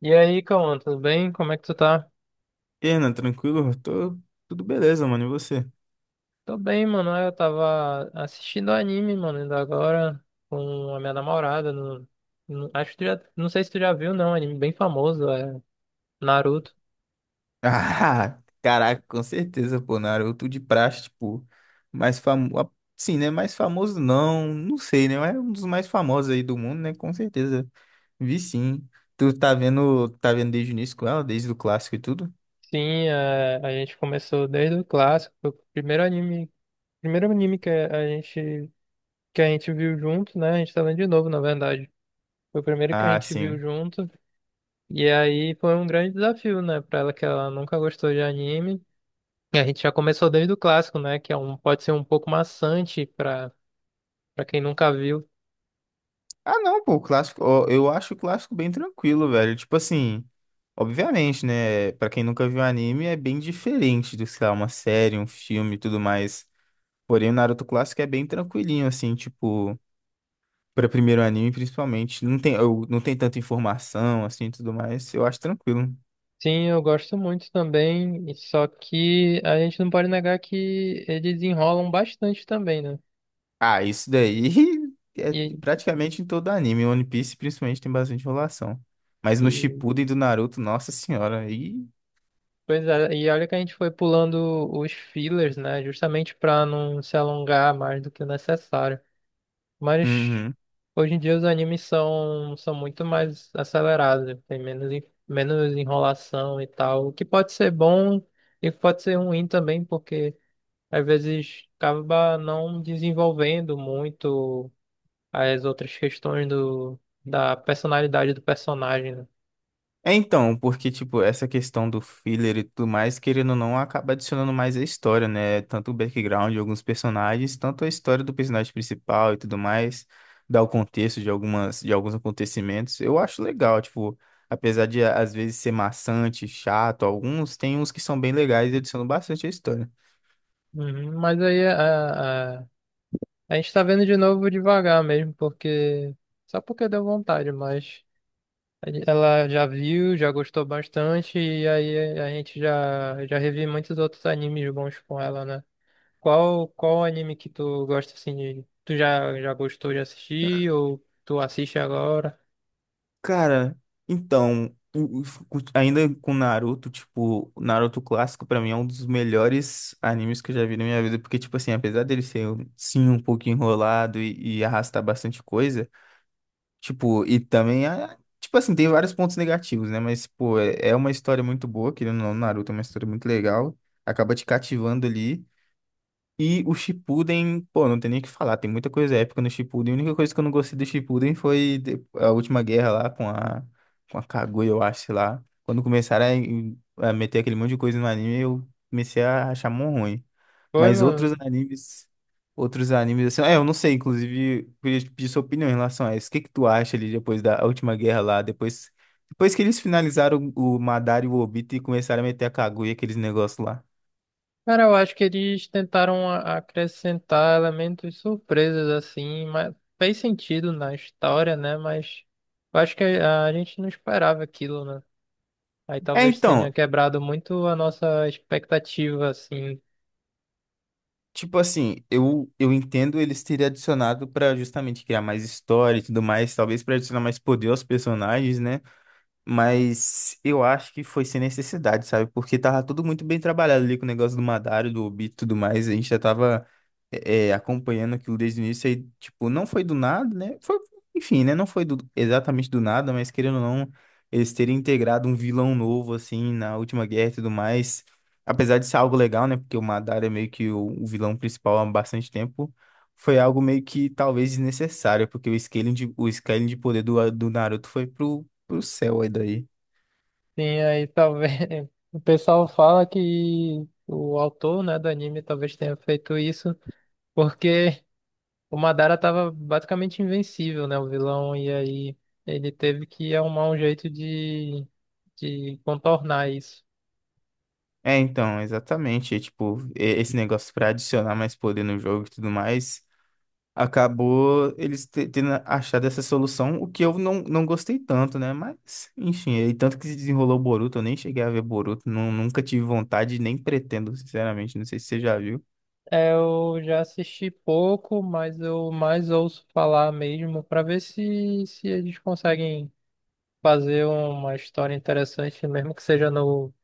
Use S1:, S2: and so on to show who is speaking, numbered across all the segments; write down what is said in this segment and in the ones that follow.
S1: E aí, Cauã, tudo bem? Como é que tu tá?
S2: E aí, Renan, tranquilo? Tô tudo beleza, mano. E você?
S1: Tô bem, mano. Eu tava assistindo anime, mano, ainda agora com a minha namorada. No, Acho que tu já, não sei se tu já viu, não. Anime bem famoso, é Naruto.
S2: Ah, caraca, com certeza, pô, Naruto de praxe, tipo, mais famoso. Sim, né? Mais famoso não, não sei, né? Mas é um dos mais famosos aí do mundo, né? Com certeza. Vi sim. Tu tá vendo desde o início com ela, desde o clássico e tudo?
S1: Sim, é, a gente começou desde o clássico, foi o primeiro anime, primeiro anime que a gente que a gente viu junto, né? A gente tá vendo de novo, na verdade. Foi o primeiro que a
S2: Ah,
S1: gente viu
S2: sim.
S1: junto. E aí foi um grande desafio, né, pra ela que ela nunca gostou de anime. E a gente já começou desde o clássico, né? Que é um, pode ser um pouco maçante para quem nunca viu.
S2: Ah, não, pô, o clássico, ó, eu acho o clássico bem tranquilo, velho. Tipo assim, obviamente, né? Pra quem nunca viu anime, é bem diferente do, sei lá, uma série, um filme e tudo mais. Porém, o Naruto clássico é bem tranquilinho, assim, tipo, para primeiro anime, principalmente. Não tem, não tem tanta informação, assim, e tudo mais. Eu acho tranquilo.
S1: Sim, eu gosto muito também, e só que a gente não pode negar que eles enrolam bastante também, né?
S2: Ah, isso daí é
S1: E,
S2: praticamente em todo anime. One Piece, principalmente, tem bastante enrolação. Mas no
S1: e,
S2: Shippuden do Naruto, nossa senhora, aí.
S1: pois é, e olha que a gente foi pulando os fillers, né? Justamente para não se alongar mais do que o necessário. Mas
S2: Uhum.
S1: hoje em dia os animes são muito mais acelerados, né? Tem menos enrolação e tal, o que pode ser bom e pode ser ruim também, porque às vezes acaba não desenvolvendo muito as outras questões da personalidade do personagem, né?
S2: É então, porque, tipo, essa questão do filler e tudo mais, querendo ou não, acaba adicionando mais a história, né? Tanto o background de alguns personagens, tanto a história do personagem principal e tudo mais, dá o contexto de algumas, de alguns acontecimentos. Eu acho legal, tipo, apesar de às vezes ser maçante, chato, alguns tem uns que são bem legais e adicionam bastante a história.
S1: Uhum, mas aí a gente tá vendo de novo devagar mesmo, porque só porque deu vontade, mas. Ela já viu, já gostou bastante, e aí a gente já revi muitos outros animes bons com ela, né? Qual anime que tu gosta assim de. Tu já gostou de assistir ou tu assiste agora?
S2: Cara, então, o- o- ainda com Naruto, tipo, o Naruto clássico pra mim é um dos melhores animes que eu já vi na minha vida, porque, tipo assim, apesar dele ser, um, sim, um pouco enrolado e arrastar bastante coisa, tipo, e também, ah, tipo assim, tem vários pontos negativos, né? Mas, pô, é uma história muito boa, querendo ou não, Naruto é uma história muito legal, acaba te cativando ali. E o Shippuden, pô, não tem nem o que falar, tem muita coisa épica no Shippuden. A única coisa que eu não gostei do Shippuden foi a última guerra lá com a Kaguya, eu acho, sei lá. Quando começaram a, a meter aquele monte de coisa no anime, eu comecei a achar mó ruim.
S1: Foi,
S2: Mas
S1: mano.
S2: outros animes, assim, é, eu não sei, inclusive, eu queria te pedir sua opinião em relação a isso. O que que tu acha ali depois da última guerra lá, depois, depois que eles finalizaram o Madara e o Obito e começaram a meter a Kaguya, aqueles negócios lá?
S1: Cara, eu acho que eles tentaram acrescentar elementos surpresas assim, mas fez sentido na história, né? Mas eu acho que a gente não esperava aquilo, né? Aí
S2: É,
S1: talvez tenha
S2: então,
S1: quebrado muito a nossa expectativa, assim.
S2: tipo assim, eu entendo eles terem adicionado pra justamente criar mais história e tudo mais, talvez pra adicionar mais poder aos personagens, né? Mas eu acho que foi sem necessidade, sabe? Porque tava tudo muito bem trabalhado ali com o negócio do Madário, do Obi e tudo mais. A gente já tava acompanhando aquilo desde o início. Aí, tipo, não foi do nada, né? Foi, enfim, né? Não foi exatamente do nada, mas querendo ou não, eles terem integrado um vilão novo, assim, na última guerra e tudo mais. Apesar de ser algo legal, né? Porque o Madário é meio que o vilão principal há bastante tempo. Foi algo meio que talvez desnecessário, porque o scaling de poder do Naruto foi pro céu aí daí.
S1: Sim, aí talvez o pessoal fala que o autor, né, do anime talvez tenha feito isso porque o Madara tava basicamente invencível, né, o vilão, e aí ele teve que arrumar um jeito de contornar isso.
S2: É, então, exatamente. Tipo, esse negócio pra adicionar mais poder no jogo e tudo mais, acabou eles tendo achado essa solução, o que eu não gostei tanto, né? Mas, enfim, e tanto que se desenrolou o Boruto, eu nem cheguei a ver Boruto, nunca tive vontade, nem pretendo, sinceramente. Não sei se você já viu.
S1: É, eu já assisti pouco, mas eu mais ouço falar mesmo pra ver se eles conseguem fazer uma história interessante, mesmo que seja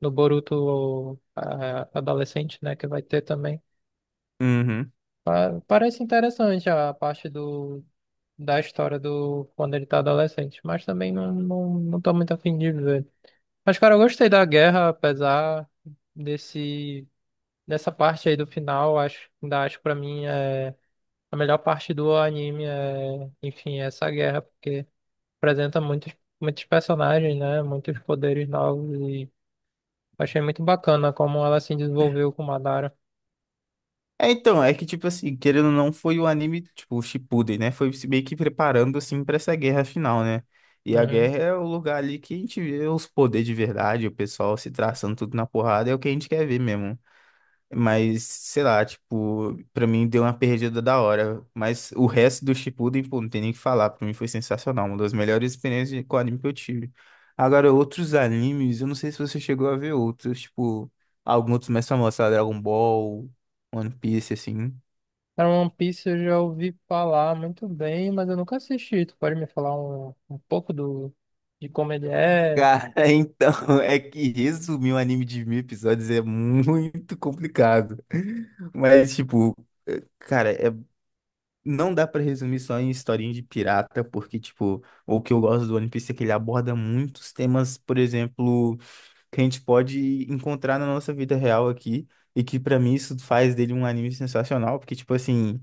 S1: no Boruto adolescente, né, que vai ter também.
S2: Uhum.
S1: Parece interessante a parte do, da história do quando ele tá adolescente, mas também não tô muito afim de ver. Mas, cara, eu gostei da guerra, apesar desse, dessa parte aí do final, acho, ainda acho pra mim é a melhor parte do anime é, enfim, é essa guerra, porque apresenta muitos, muitos personagens, né? Muitos poderes novos e achei muito bacana como ela se desenvolveu com Madara.
S2: É, então, é que, tipo assim, querendo ou não, foi o anime, tipo, o Shippuden, né? Foi se meio que preparando, assim, pra essa guerra final, né? E a
S1: Uhum.
S2: guerra é o lugar ali que a gente vê os poderes de verdade, o pessoal se traçando tudo na porrada, é o que a gente quer ver mesmo. Mas, sei lá, tipo, pra mim deu uma perdida da hora. Mas o resto do Shippuden, pô, não tem nem o que falar. Pra mim foi sensacional. Uma das melhores experiências com anime que eu tive. Agora, outros animes, eu não sei se você chegou a ver outros, tipo, alguns outros mais famosos, sei lá, Dragon Ball, One Piece, assim.
S1: Cara, One Piece eu já ouvi falar muito bem, mas eu nunca assisti. Tu pode me falar um pouco do, de como ele é?
S2: Cara, então, é que resumir um anime de mil episódios é muito complicado. Mas, tipo, cara, não dá pra resumir só em historinha de pirata, porque, tipo, o que eu gosto do One Piece é que ele aborda muitos temas, por exemplo, que a gente pode encontrar na nossa vida real aqui, e que pra mim isso faz dele um anime sensacional, porque, tipo assim.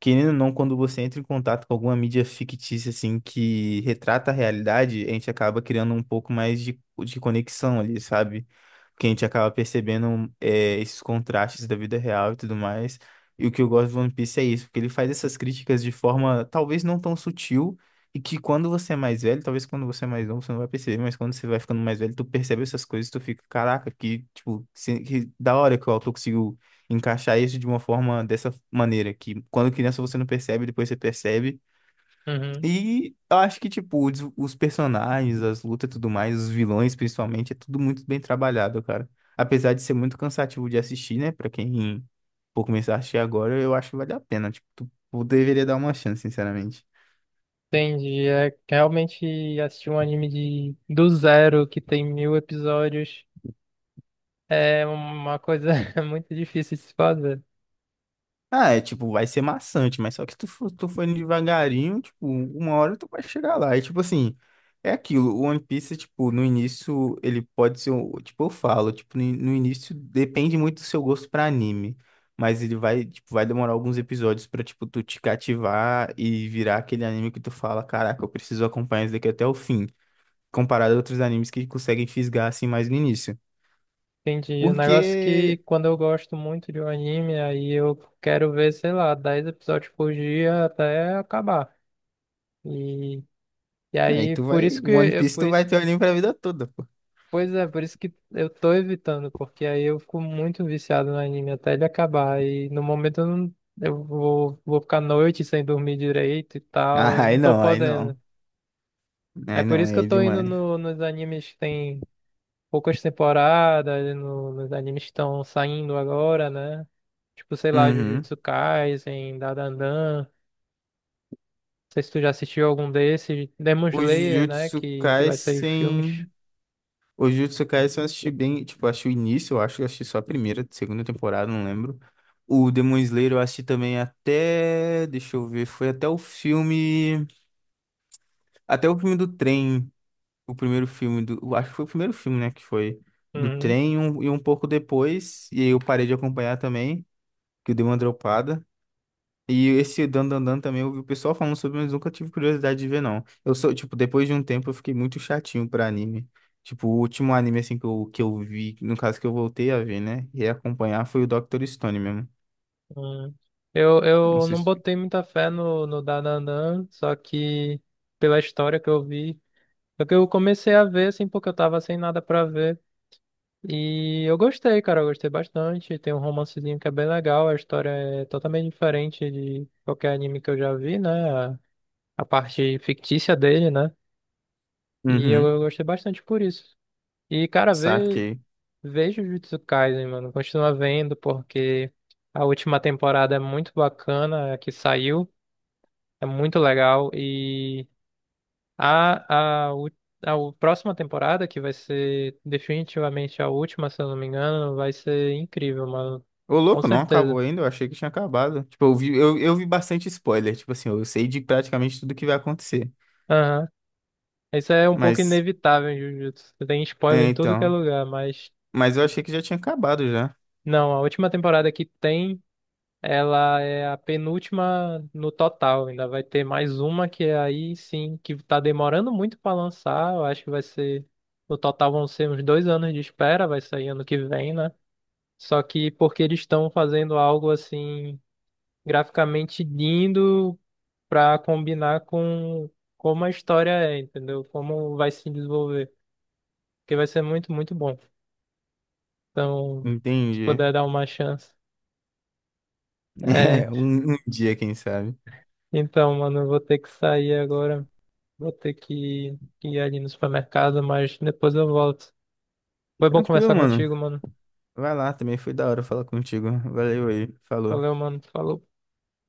S2: Querendo ou não, quando você entra em contato com alguma mídia fictícia, assim, que retrata a realidade, a gente acaba criando um pouco mais de conexão ali, sabe? Porque a gente acaba percebendo é, esses contrastes da vida real e tudo mais. E o que eu gosto do One Piece é isso, porque ele faz essas críticas de forma talvez não tão sutil, e que quando você é mais velho, talvez quando você é mais novo, você não vai perceber, mas quando você vai ficando mais velho, tu percebe essas coisas, tu fica, caraca, que, tipo, que da hora que o autor conseguiu encaixar isso de uma forma dessa maneira, que quando criança você não percebe, depois você percebe.
S1: Uhum.
S2: E eu acho que, tipo, os personagens, as lutas e tudo mais, os vilões principalmente, é tudo muito bem trabalhado, cara. Apesar de ser muito cansativo de assistir, né? Pra quem for começar a assistir agora, eu acho que vale a pena. Tipo, tu deveria dar uma chance, sinceramente.
S1: Entendi. É realmente assistir um anime de, do zero, que tem 1000 episódios, é uma coisa muito difícil de se fazer.
S2: Ah, é tipo, vai ser maçante, mas só que tu for indo devagarinho, tipo, uma hora tu vai chegar lá. E tipo assim, é aquilo, o One Piece, tipo, no início ele pode ser, tipo, eu falo, tipo, no início depende muito do seu gosto pra anime, mas ele vai, tipo, vai demorar alguns episódios pra, tipo, tu te cativar e virar aquele anime que tu fala, caraca, eu preciso acompanhar isso daqui até o fim, comparado a outros animes que conseguem fisgar assim mais no início.
S1: Entendi. O negócio é que
S2: Porque
S1: quando eu gosto muito de um anime, aí eu quero ver, sei lá, 10 episódios por dia até acabar. E, e
S2: aí
S1: aí,
S2: tu
S1: por
S2: vai,
S1: isso
S2: One
S1: que,
S2: Piece
S1: por
S2: tu vai
S1: isso
S2: ter o anime pra vida toda.
S1: Pois é, por isso que eu tô evitando, porque aí eu fico muito viciado no anime até ele acabar. E no momento eu, não, eu vou ficar à noite sem dormir direito e tal, eu
S2: Ah, aí
S1: não tô
S2: não, aí não.
S1: podendo. É
S2: Aí
S1: por
S2: não,
S1: isso que eu
S2: aí é
S1: tô indo
S2: demais.
S1: no, nos animes que tem poucas temporadas, nos animes que estão saindo agora, né? Tipo, sei lá,
S2: Uhum.
S1: Jujutsu Kaisen, Dandadan. Não sei se tu já assistiu algum desses. Demon
S2: Os
S1: Slayer, né?
S2: Jujutsu
S1: Que vai sair os filmes.
S2: Kaisen. Os Jujutsu Kaisen eu assisti bem, tipo, eu acho o início, eu acho que eu assisti só a primeira, segunda temporada, não lembro. O Demon Slayer eu assisti também até, deixa eu ver, foi até o filme do trem, o primeiro filme do, eu acho que foi o primeiro filme, né, que foi do
S1: Uhum,
S2: trem e um pouco depois, e aí eu parei de acompanhar também, que eu dei uma dropada. E esse Dan Dan Dan também eu vi o pessoal falando sobre, mas nunca tive curiosidade de ver, não. Eu sou, tipo, depois de um tempo eu fiquei muito chatinho pra anime. Tipo, o último anime, assim, que que eu vi, no caso que eu voltei a ver, né? E acompanhar foi o Dr. Stone mesmo.
S1: uhum.
S2: Não
S1: Eu
S2: sei
S1: não
S2: se...
S1: botei muita fé no Dananã, só que pela história que eu vi. Só que eu comecei a ver, assim, porque eu tava sem nada pra ver. E eu gostei, cara, eu gostei bastante. Tem um romancezinho que é bem legal, a história é totalmente diferente de qualquer anime que eu já vi, né? A parte fictícia dele, né? E
S2: Uhum,
S1: eu gostei bastante por isso. E, cara, vê.
S2: saquei.
S1: Vejo Jujutsu Kaisen, mano. Continua vendo porque a última temporada é muito bacana, a que saiu, é muito legal. E a, a, u- a próxima temporada, que vai ser definitivamente a última, se eu não me engano, vai ser incrível, mano.
S2: Ô,
S1: Com
S2: louco, não acabou
S1: certeza.
S2: ainda, eu achei que tinha acabado. Tipo, eu vi, eu vi bastante spoiler, tipo assim, eu sei de praticamente tudo que vai acontecer.
S1: Aham. Isso é um pouco
S2: Mas,
S1: inevitável em Jujutsu. Tem spoiler
S2: é,
S1: em tudo que é
S2: então...
S1: lugar, mas
S2: Mas eu achei que já tinha acabado já.
S1: não, a última temporada que tem. Ela é a penúltima no total. Ainda vai ter mais uma que é aí sim, que tá demorando muito para lançar. Eu acho que vai ser. No total vão ser uns 2 anos de espera, vai sair ano que vem, né? Só que porque eles estão fazendo algo assim, graficamente lindo pra combinar com como a história é, entendeu? Como vai se desenvolver. Porque vai ser muito, muito bom. Então, se
S2: Entendi.
S1: puder dar uma chance. É,
S2: É, um dia, quem sabe.
S1: então, mano, eu vou ter que sair agora. Vou ter que ir ali no supermercado, mas depois eu volto. Foi bom
S2: Tranquilo,
S1: conversar
S2: mano.
S1: contigo, mano.
S2: Vai lá, também foi da hora falar contigo. Valeu aí, falou.
S1: Valeu, mano. Falou.